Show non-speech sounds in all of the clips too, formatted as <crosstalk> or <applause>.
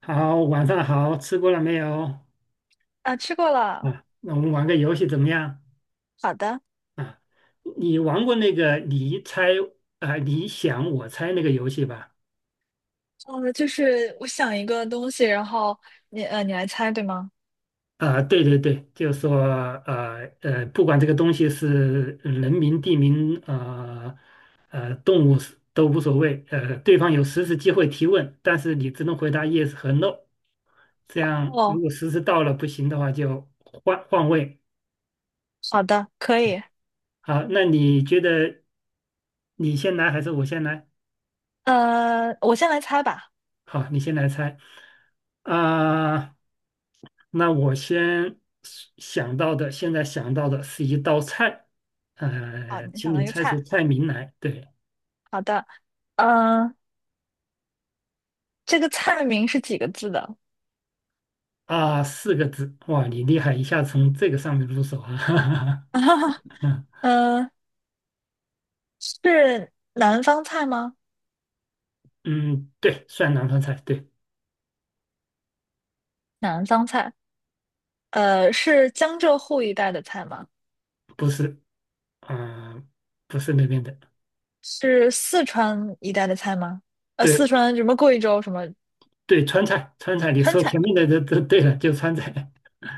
好，晚上好，吃过了没有？啊，吃过了。啊，那我们玩个游戏怎么样？好的，啊，你玩过那个你猜你想我猜那个游戏吧？就是我想一个东西，然后你你来猜，对吗？啊，对对对，就是说不管这个东西是人名、地名、动物是都无所谓，对方有10次机会提问，但是你只能回答 yes 和 no。这样如哦，果实时到了不行的话，就换换位。好的，可以。好，那你觉得你先来还是我先来？我先来猜吧。好，你先来猜。啊、那我先想到的，现在想到的是一道菜，好，你请想到你一个猜出菜。菜名来。对，好的，嗯、这个菜名是几个字的？四个字。哇，你厉害，一下从这个上面入手啊。<laughs> <laughs> 嗯、是南方菜吗？嗯，对，算南方菜，对，南方菜。呃，是江浙沪一带的菜吗？不是，啊、不是那边的，是四川一带的菜吗？呃，四对川什么贵州什么对，川菜，川菜，你川说菜？前面的都对了，就川菜。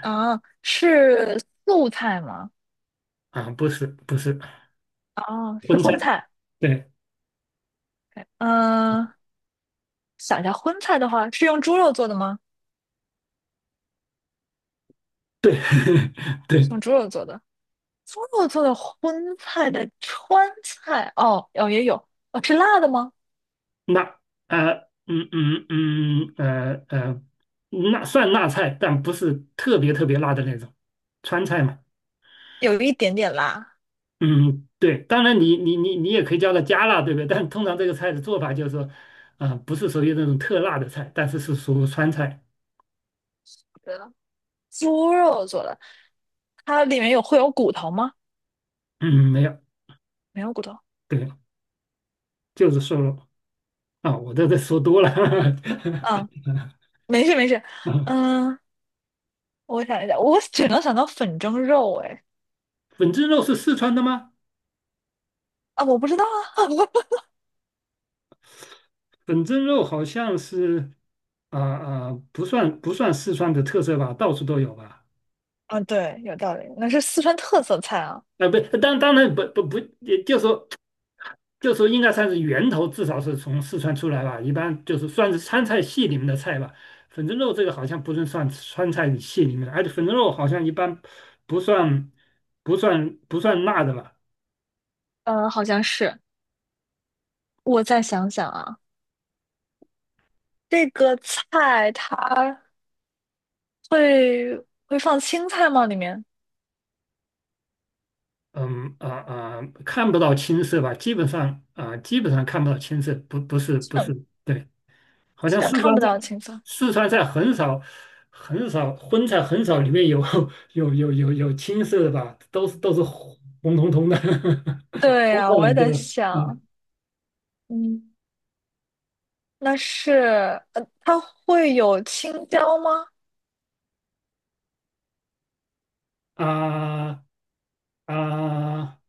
啊，是素菜吗？<laughs> 不是不是，哦，是荤荤菜，菜对，OK。想一下，荤菜的话是用猪肉做的吗？对。 <laughs> 是对，用猪肉做的，猪肉做的荤菜的川菜，哦，哦也有，哦是辣的吗？辣，呃嗯嗯嗯呃呃，那算辣菜，但不是特别特别辣的那种，川菜嘛。有一点点辣。嗯，对，当然你也可以叫它加辣，对不对？但通常这个菜的做法就是说，不是属于那种特辣的菜，但是是属于川菜。对了，猪肉做的，它里面有会有骨头吗？嗯，没有，没有骨头。对，就是瘦肉啊，我这说多了。<laughs> 嗯，没事没事。啊，嗯，我想一下，我只能想到粉蒸肉，哎，粉蒸肉是四川的吗？啊，我不知道啊。粉蒸肉好像是不算四川的特色吧，到处都有吧。<laughs> 啊，对，有道理，那是四川特色菜啊。不，当然不不不，也就说应该算是源头，至少是从四川出来吧。一般就是算是川菜系里面的菜吧。粉蒸肉这个好像不是算川菜系里面的，而且粉蒸肉好像一般不算不算辣的吧。嗯，好像是。我再想想啊。这个菜它会会放青菜吗？里面看不到青色吧，基本上基本上看不到青色，基不本是，对。好基像本四看川不菜，到青菜。四川菜很少，很少荤菜很少，里面有 <laughs> 有青色的吧，都是红彤彤的，<laughs> 对红呀，彤我也彤在的，想，嗯。嗯，那是呃，它会有青椒吗？啊啊，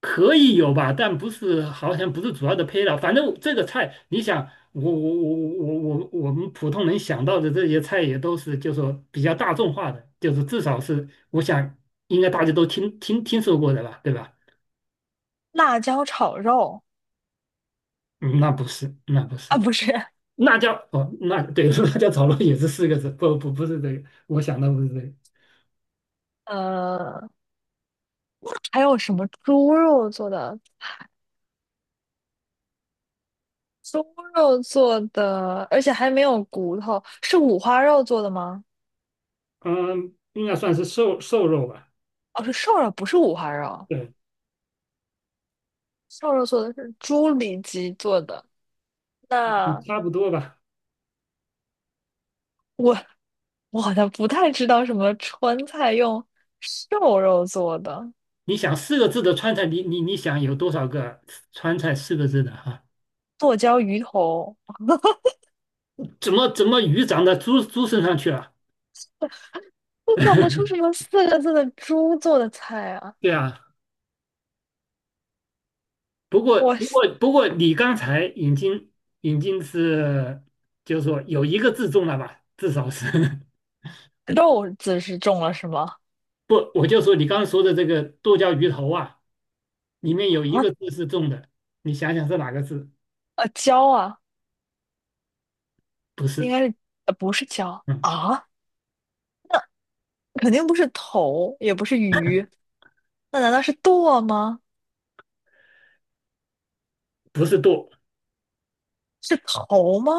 可以有吧，但不是好像不是主要的配料。反正这个菜，你想，我们普通人想到的这些菜也都是，就说比较大众化的，就是至少是我想应该大家都听说过的吧，对吧？辣椒炒肉嗯，那不是，那不啊，是。不是，辣椒哦，那对，<laughs> 辣椒炒肉也是4个字，不是这个，我想的不是这个，呃，还有什么猪肉做的？猪肉做的，而且还没有骨头，是五花肉做的吗？嗯，应该算是瘦肉吧，哦，是瘦肉，不是五花肉，对，瘦肉做的是猪里脊做的。嗯那。差不多吧。我。我好像不太知道什么川菜用瘦肉做的你想四个字的川菜，你想有多少个川菜四个字的哈、剁椒鱼头，怎么鱼长到猪身上去了？我想不出什 <laughs> 么四个字的猪做的菜啊。对啊，我不过你刚才已经已经是就是说有一个字中了吧，至少是。 <laughs> 肉字是中了是吗？不，我就说你刚刚说的这个剁椒鱼头啊。里面有一啊，个字是重的，你想想是哪个字？啊椒啊，不应是，该是呃不是椒嗯，啊，肯定不是头，也不是鱼，那难道是剁吗？不是舵，是头吗？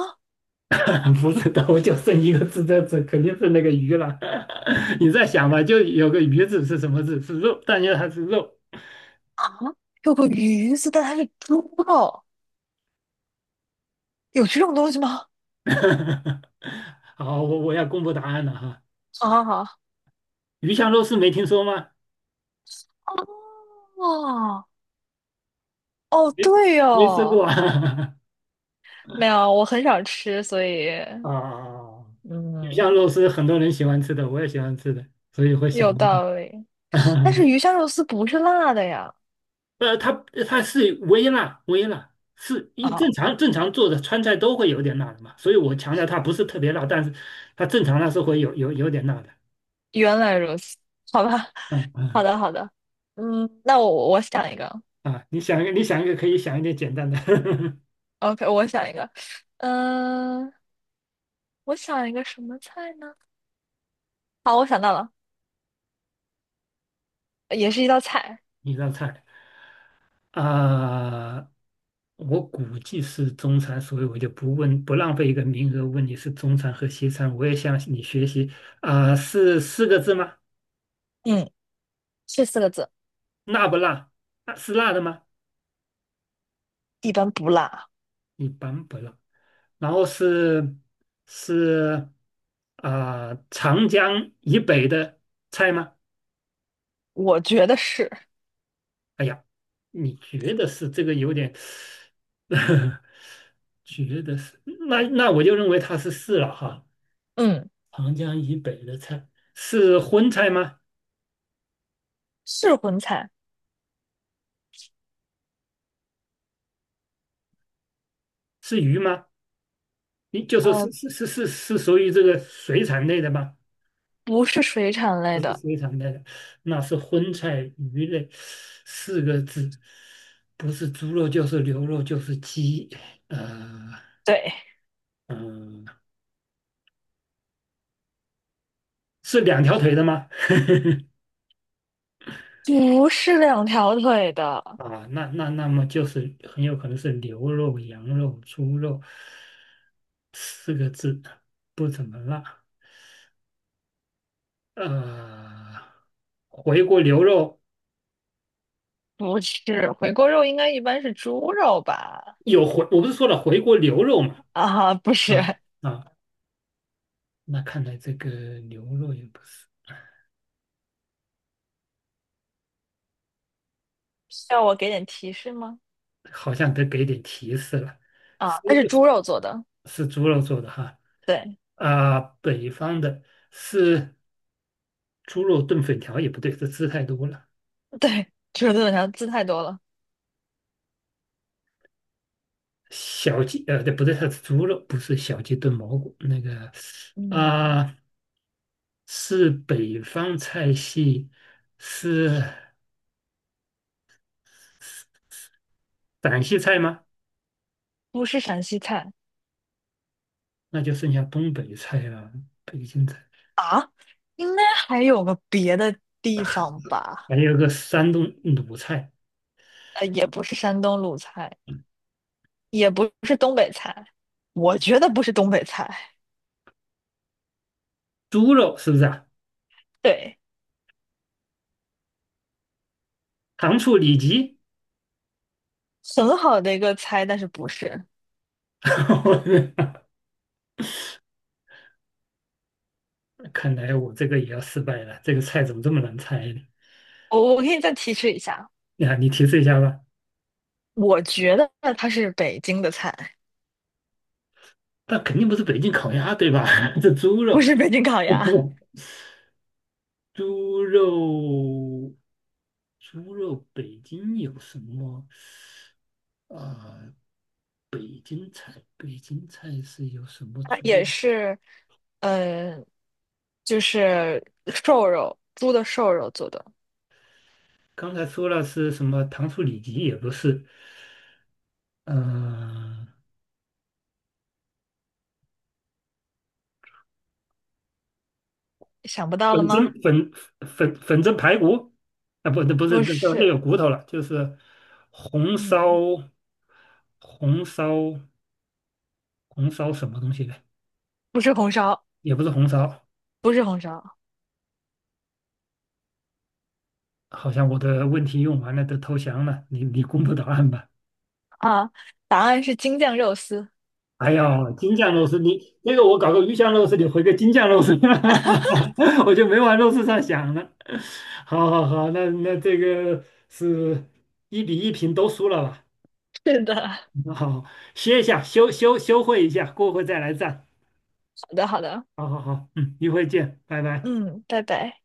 <laughs> 不是舵，就剩一个字在这，肯定是那个鱼了。<laughs> 你再是想吧，就有个鱼字是什么字？是肉，但因为它是肉。啊，有个鱼字，但它是猪肉，有这种东西吗？<laughs> 好，我要公布答案了哈。啊鱼香肉丝没听说吗？哦，哦，没对没吃哦。过啊？<laughs> 没有，我很少吃，所以啊，鱼香嗯，肉丝很多人喜欢吃的，我也喜欢吃的，所以会有想到这个。道理。但 <laughs> 是鱼香肉丝不是辣的呀。它微辣，微辣是一啊，正常做的川菜都会有点辣的嘛，所以我强调它不是特别辣，但是它正常它是会有点辣的。原来如此，好吧，<laughs> 嗯好嗯的，好的。嗯，那我想一个啊，你想一个，你想一个，可以想一点简单的。 <laughs> ，OK，我想一个，嗯、我想一个什么菜呢？好，我想到了，也是一道菜，一道菜啊、我估计是中餐，所以我就不问，不浪费一个名额问你是中餐和西餐。我也向你学习是四个字吗？嗯，是四个字，辣不辣？啊，是辣的吗？一般不辣，一般不辣。然后是长江以北的菜吗？我觉得是，哎呀，你觉得是这个有点，<laughs> 觉得是那我就认为它是是了哈。嗯，长江以北的菜是荤菜吗？是荤菜，是鱼吗？你就说呃，是属于这个水产类的吗？不是水产类不是的，水产类的，那是荤菜鱼类四个字，不是猪肉就是牛肉就是鸡，呃对，嗯、呃，是两条腿的吗？<laughs> 不是两条腿的，啊，那么就是很有可能是牛肉、羊肉、猪肉四个字，不怎么辣。呃，回锅牛肉不是，回锅肉应该一般是猪肉吧？有回，我不是说了回锅牛肉嘛？<laughs> 啊，不啊是，啊，那看来这个牛肉也不是。需要我给点提示吗？好像得给点提示了，是啊，它是猪肉做的，是猪肉做的哈对，啊，北方的是猪肉炖粉条也不对，这吃太多了。对，猪肉做的啥字太多了，小鸡呃，对，不对，它是猪肉，不是小鸡炖蘑菇那个嗯，啊，是北方菜系，是陕西菜吗？不是陕西菜那就剩下东北菜了，北京菜，啊，应该还有个别的地方吧？还有个山东鲁菜，呃，也不是山东鲁菜，也不是东北菜，我觉得不是东北菜，猪肉是不是啊？对，糖醋里脊。很好的一个猜，但是不是，<laughs> 看来我这个也要失败了，这个菜怎么这么难猜呢？我可以再提示一下，呀，你提示一下吧。我觉得它是北京的菜。但肯定不是北京烤鸭，对吧？<laughs> 这猪不肉，是北京烤鸭，<laughs> 猪肉，猪肉，北京有什么？啊、北京菜，北京菜是有什么它猪肉？也是，呃就是瘦肉，猪的瘦肉做的，刚才说了是什么糖醋里脊，也不是，嗯、想不到了粉蒸吗？粉粉蒸排骨啊，不，那不是不那个那是，有骨头了，就是红嗯，烧红烧红烧什么东西的，不是红烧，也不是红烧。不是红烧好像我的问题用完了，都投降了。你你公布答案吧。啊，答案是京酱肉丝。哎呦，京酱肉丝，你那个我搞个鱼香肉丝，你回个京酱肉丝，<laughs> 我就没往肉丝上想了。好好好，那这个是1比1平都输了吧？是的，好，歇一下，休会一下，过会再来赞。<laughs> 好的，好的，好好好，嗯，一会见，拜拜。嗯，拜拜。